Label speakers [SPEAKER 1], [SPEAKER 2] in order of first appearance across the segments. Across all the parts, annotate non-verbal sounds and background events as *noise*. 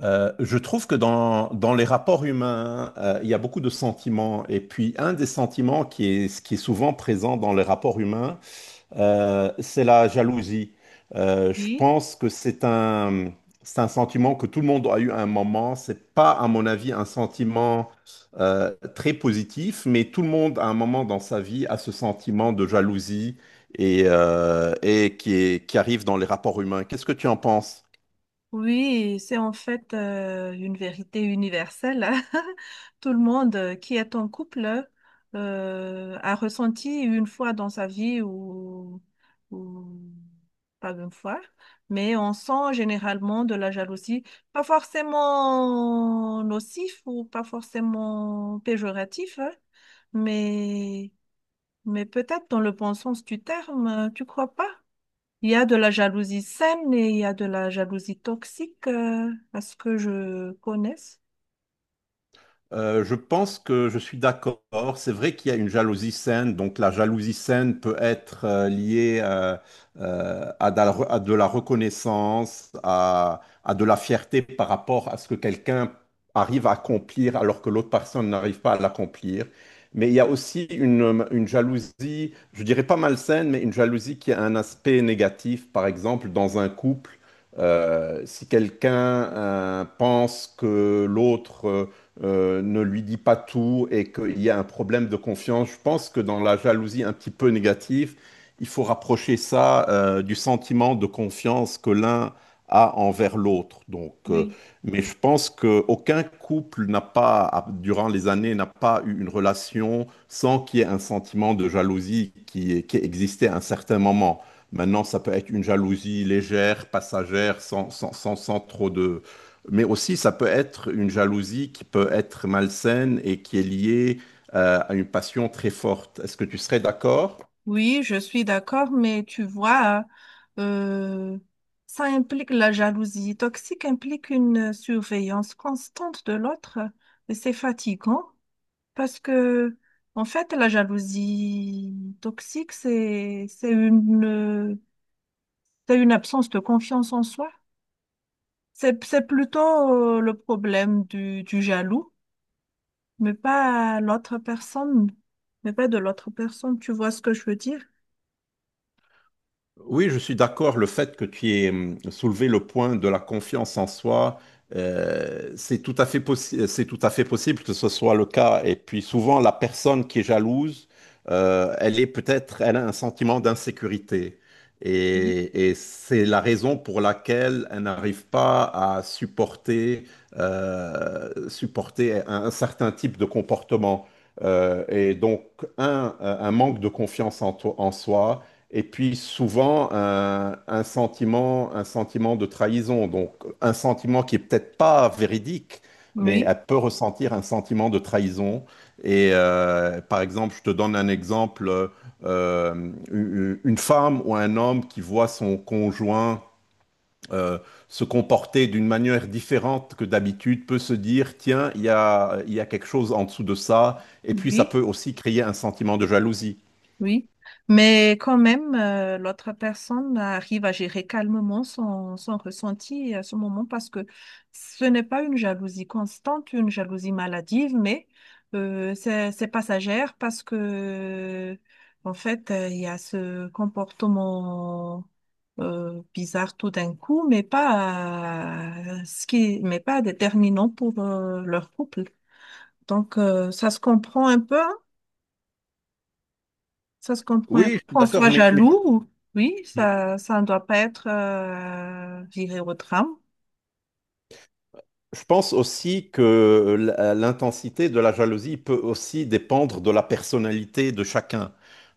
[SPEAKER 1] Je trouve que dans les rapports humains, il y a beaucoup de sentiments. Et puis, un des sentiments qui est souvent présent dans les rapports humains, c'est la jalousie. Je
[SPEAKER 2] Oui,
[SPEAKER 1] pense que c'est un sentiment que tout le monde a eu à un moment. C'est pas, à mon avis, un sentiment très positif, mais tout le monde, à un moment dans sa vie, a ce sentiment de jalousie et qui arrive dans les rapports humains. Qu'est-ce que tu en penses?
[SPEAKER 2] oui, c'est en fait une vérité universelle, hein. *laughs* Tout le monde qui est en couple a ressenti une fois dans sa vie ou pas une fois, mais on sent généralement de la jalousie, pas forcément nocif ou pas forcément péjoratif, hein, mais, mais peut-être dans le bon sens du terme, tu crois pas? Il y a de la jalousie saine et il y a de la jalousie toxique, à ce que je connaisse.
[SPEAKER 1] Je pense que je suis d'accord. C'est vrai qu'il y a une jalousie saine. Donc la jalousie saine peut être liée à, à de la reconnaissance, à de la fierté par rapport à ce que quelqu'un arrive à accomplir alors que l'autre personne n'arrive pas à l'accomplir. Mais il y a aussi une jalousie, je dirais pas malsaine, mais une jalousie qui a un aspect négatif. Par exemple, dans un couple, si quelqu'un pense que l'autre ne lui dit pas tout et qu'il y a un problème de confiance. Je pense que dans la jalousie un petit peu négative, il faut rapprocher ça du sentiment de confiance que l'un a envers l'autre. Donc,
[SPEAKER 2] Oui,
[SPEAKER 1] mais je pense qu'aucun couple n'a pas, a- durant les années, n'a pas eu une relation sans qu'il y ait un sentiment de jalousie qui existait à un certain moment. Maintenant, ça peut être une jalousie légère, passagère, sans trop de, mais aussi ça peut être une jalousie qui peut être malsaine et qui est liée à une passion très forte. Est-ce que tu serais d'accord?
[SPEAKER 2] oui, je suis d'accord, mais tu vois, euh, ça implique, la jalousie toxique implique une surveillance constante de l'autre et c'est fatigant parce que, en fait, la jalousie toxique, c'est une c'est une absence de confiance en soi. C'est plutôt le problème du jaloux. Mais pas à l'autre personne, mais pas de l'autre personne, tu vois ce que je veux dire?
[SPEAKER 1] Oui, je suis d'accord. Le fait que tu aies soulevé le point de la confiance en soi, c'est tout à fait possi- c'est tout à fait possible que ce soit le cas. Et puis souvent, la personne qui est jalouse, elle est peut-être, elle a un sentiment d'insécurité.
[SPEAKER 2] Oui.
[SPEAKER 1] Et c'est la raison pour laquelle elle n'arrive pas à supporter, supporter un certain type de comportement. Et donc, un manque de confiance en soi. Et puis souvent un sentiment de trahison, donc un sentiment qui est peut-être pas véridique, mais
[SPEAKER 2] Oui,
[SPEAKER 1] elle peut ressentir un sentiment de trahison. Et par exemple, je te donne un exemple, une femme ou un homme qui voit son conjoint euh, se comporter d'une manière différente que d'habitude peut se dire, tiens, il y a quelque chose en dessous de ça, et puis ça
[SPEAKER 2] oui.
[SPEAKER 1] peut aussi créer un sentiment de jalousie.
[SPEAKER 2] Oui, mais quand même, l'autre personne arrive à gérer calmement son ressenti à ce moment parce que ce n'est pas une jalousie constante, une jalousie maladive, mais c'est passagère parce que, en fait, il y a ce comportement bizarre tout d'un coup, mais pas, mais pas déterminant pour leur couple. Donc, ça se comprend un peu, hein? Ça se comprend. Et
[SPEAKER 1] Oui,
[SPEAKER 2] puis,
[SPEAKER 1] je suis
[SPEAKER 2] qu'on
[SPEAKER 1] d'accord,
[SPEAKER 2] soit jaloux, ou- oui,
[SPEAKER 1] mais-
[SPEAKER 2] ça ne doit pas être viré au tram.
[SPEAKER 1] Je pense aussi que l'intensité de la jalousie peut aussi dépendre de la personnalité de chacun.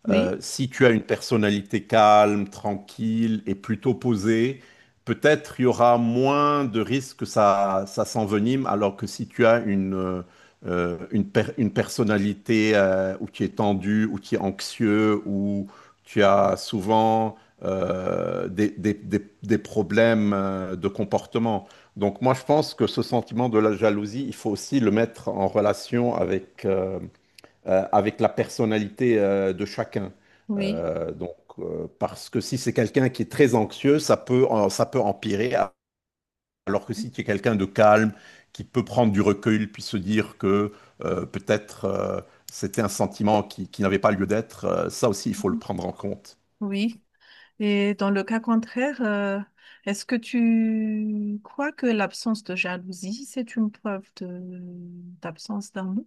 [SPEAKER 2] Oui,
[SPEAKER 1] Si tu as une personnalité calme, tranquille et plutôt posée, peut-être il y aura moins de risques que ça s'envenime, alors que si tu as une personnalité où tu es tendu, où tu es anxieux, où tu as souvent des, des problèmes de comportement. Donc moi, je pense que ce sentiment de la jalousie, il faut aussi le mettre en relation avec, avec la personnalité de chacun.
[SPEAKER 2] oui.
[SPEAKER 1] Donc, parce que si c'est quelqu'un qui est très anxieux, ça peut, ça peut empirer, alors que si tu es quelqu'un de calme, qui peut prendre du recul, puis se dire que peut-être c'était un sentiment qui n'avait pas lieu d'être, ça aussi, il faut le
[SPEAKER 2] Mhm.
[SPEAKER 1] prendre en compte.
[SPEAKER 2] Oui. Et dans le cas contraire, est-ce que tu crois que l'absence de jalousie, c'est une preuve de d'absence d'amour?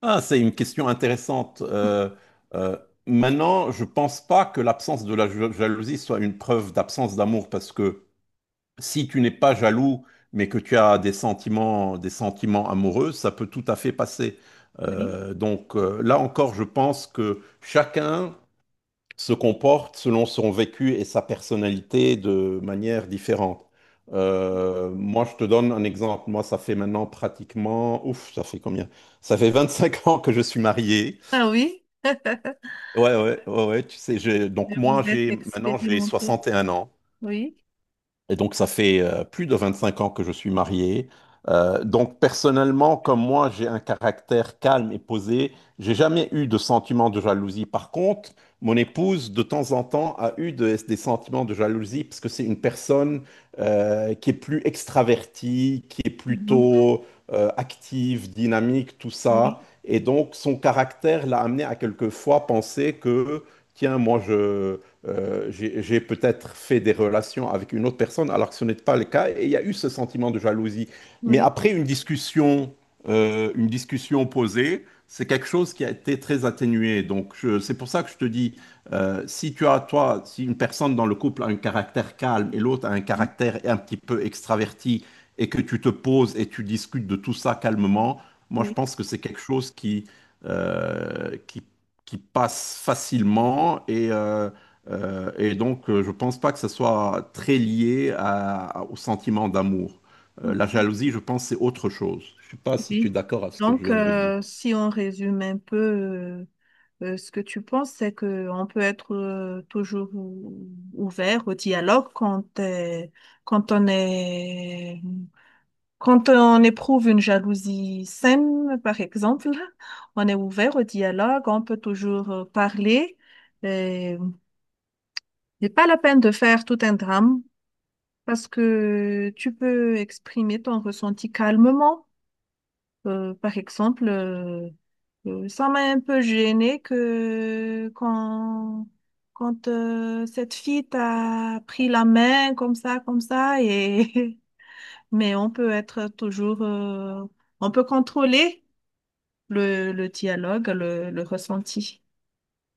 [SPEAKER 1] Ah, c'est une question intéressante. Euh, Maintenant, je pense pas que l'absence de la jalousie soit une preuve d'absence d'amour, parce que si tu n'es pas jaloux, mais que tu as des sentiments amoureux, ça peut tout à fait passer.
[SPEAKER 2] Oui.
[SPEAKER 1] Donc là encore, je pense que chacun se comporte selon son vécu et sa personnalité de manière différente. Moi, je te donne un exemple. Moi, ça fait maintenant pratiquement, ouf, ça fait combien? Ça fait 25 ans que je suis marié.
[SPEAKER 2] Ah oui.
[SPEAKER 1] Ouais, ouais, ouais, ouais, tu sais,
[SPEAKER 2] Et
[SPEAKER 1] donc
[SPEAKER 2] vous
[SPEAKER 1] moi,
[SPEAKER 2] êtes
[SPEAKER 1] j'ai
[SPEAKER 2] expérimenté.
[SPEAKER 1] 61 ans.
[SPEAKER 2] Oui.
[SPEAKER 1] Et donc, ça fait plus de 25 ans que je suis marié. Donc, personnellement, comme moi, j'ai un caractère calme et posé. J'ai jamais eu de sentiment de jalousie. Par contre, mon épouse, de temps en temps, a eu des sentiments de jalousie parce que c'est une personne qui est plus extravertie, qui est
[SPEAKER 2] Mhm.
[SPEAKER 1] plutôt active, dynamique, tout ça.
[SPEAKER 2] Oui,
[SPEAKER 1] Et donc, son caractère l'a amené à quelquefois penser que, tiens, moi, je j'ai peut-être fait des relations avec une autre personne alors que ce n'était pas le cas. Et il y a eu ce sentiment de jalousie. Mais
[SPEAKER 2] oui,
[SPEAKER 1] après une discussion posée, c'est quelque chose qui a été très atténué. C'est pour ça que je te dis, si tu as toi, si une personne dans le couple a un caractère calme et l'autre a un caractère un petit peu extraverti et que tu te poses et tu discutes de tout ça calmement, moi je
[SPEAKER 2] oui,
[SPEAKER 1] pense que c'est quelque chose qui qui passe facilement et donc, je pense pas que ce soit très au sentiment d'amour. La
[SPEAKER 2] oui.
[SPEAKER 1] jalousie, je pense, c'est autre chose. Je sais pas si tu es
[SPEAKER 2] Oui.
[SPEAKER 1] d'accord avec ce que je
[SPEAKER 2] Donc,
[SPEAKER 1] viens de dire.
[SPEAKER 2] si on résume un peu, ce que tu penses, c'est qu'on peut être toujours ou- ouvert au dialogue quand, quand on est, quand on éprouve une jalousie saine, par exemple, *laughs* on est ouvert au dialogue, on peut toujours parler. Et, n'est pas la peine de faire tout un drame parce que tu peux exprimer ton ressenti calmement. Par exemple, ça m'a un peu gênée que quand, quand cette fille t'a pris la main comme ça, et *laughs* mais on peut être toujours, on peut contrôler le dialogue, le ressenti.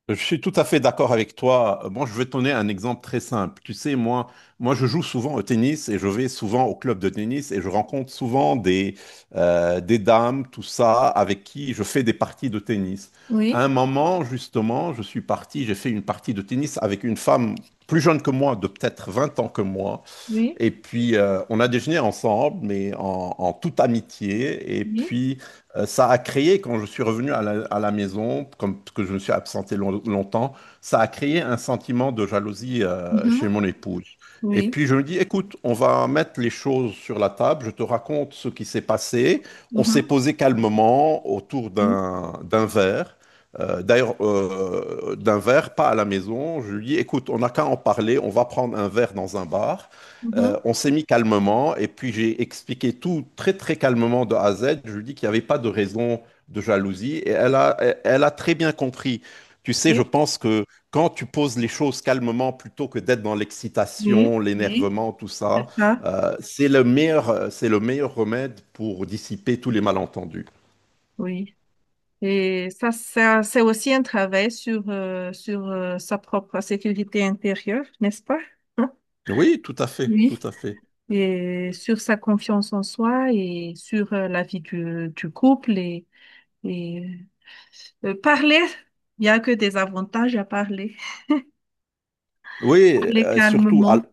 [SPEAKER 1] Je suis tout à fait d'accord avec toi. Bon, je vais te donner un exemple très simple. Tu sais, moi, je joue souvent au tennis et je vais souvent au club de tennis et je rencontre souvent des dames, tout ça, avec qui je fais des parties de tennis.
[SPEAKER 2] Oui,
[SPEAKER 1] À un moment, justement, je suis parti, j'ai fait une partie de tennis avec une femme plus jeune que moi, de peut-être 20 ans que moi.
[SPEAKER 2] oui,
[SPEAKER 1] Et puis, on a déjeuné ensemble, mais en toute amitié. Et
[SPEAKER 2] oui,
[SPEAKER 1] puis, ça a créé, quand je suis revenu à à la maison, comme parce que je me suis absenté longtemps, ça a créé un sentiment de jalousie chez
[SPEAKER 2] mhm,
[SPEAKER 1] mon épouse. Et
[SPEAKER 2] oui,
[SPEAKER 1] puis, je me dis, écoute, on va mettre les choses sur la table. Je te raconte ce qui s'est passé. On s'est
[SPEAKER 2] mhm,
[SPEAKER 1] posé calmement autour
[SPEAKER 2] oui,
[SPEAKER 1] d'un verre. D'ailleurs, d'un verre, pas à la maison. Je lui dis, écoute, on n'a qu'à en parler. On va prendre un verre dans un bar.
[SPEAKER 2] mhm.
[SPEAKER 1] On s'est mis calmement et puis j'ai expliqué tout très très calmement de A à Z. Je lui ai dit qu'il n'y avait pas de raison de jalousie et elle a très bien compris. Tu sais, je
[SPEAKER 2] Oui,
[SPEAKER 1] pense que quand tu poses les choses calmement plutôt que d'être dans
[SPEAKER 2] oui,
[SPEAKER 1] l'excitation,
[SPEAKER 2] oui,
[SPEAKER 1] l'énervement, tout ça,
[SPEAKER 2] c'est ça.
[SPEAKER 1] c'est le meilleur remède pour dissiper tous les malentendus.
[SPEAKER 2] Oui. Et ça c'est aussi un travail sur, sa propre sécurité intérieure, n'est-ce pas? Hein?
[SPEAKER 1] Oui, tout à fait,
[SPEAKER 2] Oui.
[SPEAKER 1] tout à fait.
[SPEAKER 2] Et sur sa confiance en soi et sur la vie du couple. Et parler, il n'y a que des avantages à parler.
[SPEAKER 1] Oui,
[SPEAKER 2] Parler calmement.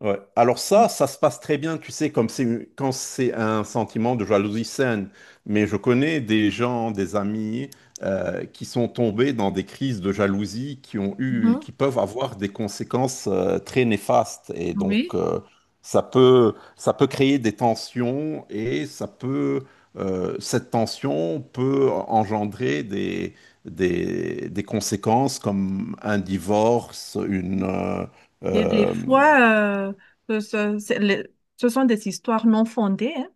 [SPEAKER 1] Ouais. Alors ça se passe très bien, tu sais, comme c'est quand c'est un sentiment de jalousie saine. Mais je connais des gens, des amis qui sont tombés dans des crises de jalousie
[SPEAKER 2] Mhm.
[SPEAKER 1] qui peuvent avoir des conséquences très néfastes. Et donc
[SPEAKER 2] Oui.
[SPEAKER 1] ça peut créer des tensions et ça peut, cette tension peut engendrer des, des conséquences comme un divorce, une
[SPEAKER 2] Et des
[SPEAKER 1] euh,
[SPEAKER 2] fois, c'est le- ce sont des histoires non fondées, hein.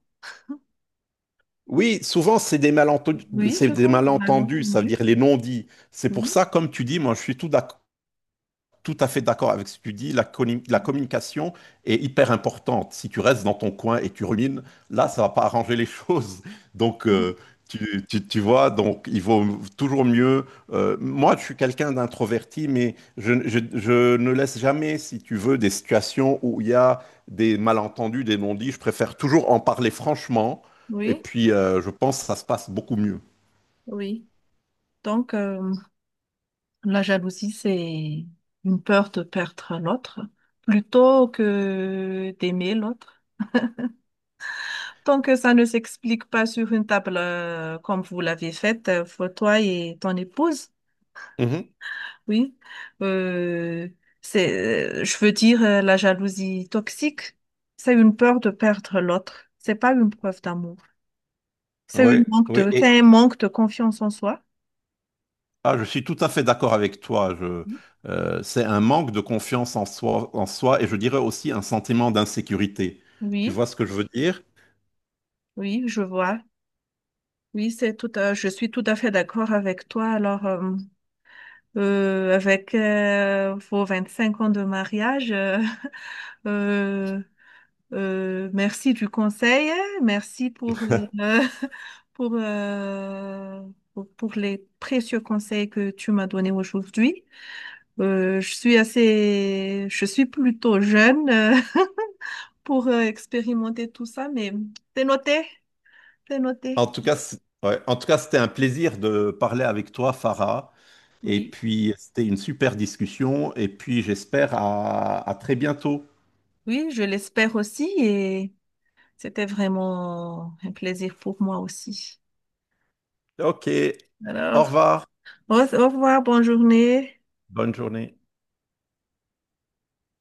[SPEAKER 1] Oui, souvent
[SPEAKER 2] Oui.
[SPEAKER 1] c'est
[SPEAKER 2] Sur
[SPEAKER 1] des
[SPEAKER 2] un
[SPEAKER 1] malentendus, ça veut
[SPEAKER 2] malentendu.
[SPEAKER 1] dire les non-dits. C'est pour
[SPEAKER 2] Oui,
[SPEAKER 1] ça, comme tu dis, moi je suis tout d'accord tout à fait d'accord avec ce que tu dis. La communication est hyper importante. Si tu restes dans ton coin et tu rumines, là, ça va pas arranger les *laughs* choses. Donc,
[SPEAKER 2] mhm,
[SPEAKER 1] tu vois, donc il vaut toujours mieux. Moi, je suis quelqu'un d'introverti, mais je ne laisse jamais, si tu veux, des situations où il y a des malentendus, des non-dits. Je préfère toujours en parler franchement. Et
[SPEAKER 2] oui.
[SPEAKER 1] puis, je pense que ça se passe beaucoup mieux.
[SPEAKER 2] Oui, donc la jalousie, c'est une peur de perdre l'autre plutôt que d'aimer l'autre. Tant que ça ne s'explique pas sur une table comme vous l'avez faite, pour toi et ton épouse, oui, euh, je veux dire, la jalousie toxique, c'est une peur de perdre l'autre. C'est pas une preuve d'amour.
[SPEAKER 1] Oui, oui.
[SPEAKER 2] C'est un manque de confiance en soi.
[SPEAKER 1] Ah, je suis tout à fait d'accord avec toi.
[SPEAKER 2] Oui,
[SPEAKER 1] C'est un manque de confiance en soi, et je dirais aussi un sentiment d'insécurité. Tu
[SPEAKER 2] oui,
[SPEAKER 1] vois ce que je veux dire?
[SPEAKER 2] oui, je vois. Oui, c'est tout à- je suis tout à fait d'accord avec toi. Alors, avec vos 25 ans de mariage, *laughs* euh, merci du conseil, hein. Merci euh, *laughs* pour, euh, pour les précieux conseils que tu m'as donnés aujourd'hui. Je suis plutôt jeune *laughs* pour expérimenter tout ça, mais c'est noté, c'est
[SPEAKER 1] En
[SPEAKER 2] noté.
[SPEAKER 1] tout cas, ouais. En tout cas, c'était un plaisir de parler avec toi, Farah. Et
[SPEAKER 2] Oui,
[SPEAKER 1] puis, c'était une super discussion. Et puis, j'espère à très bientôt.
[SPEAKER 2] oui, je l'espère aussi. Et c'était vraiment un plaisir pour moi aussi.
[SPEAKER 1] Ok.
[SPEAKER 2] Alors,
[SPEAKER 1] Au revoir.
[SPEAKER 2] au revoir, bonne journée.
[SPEAKER 1] Bonne journée.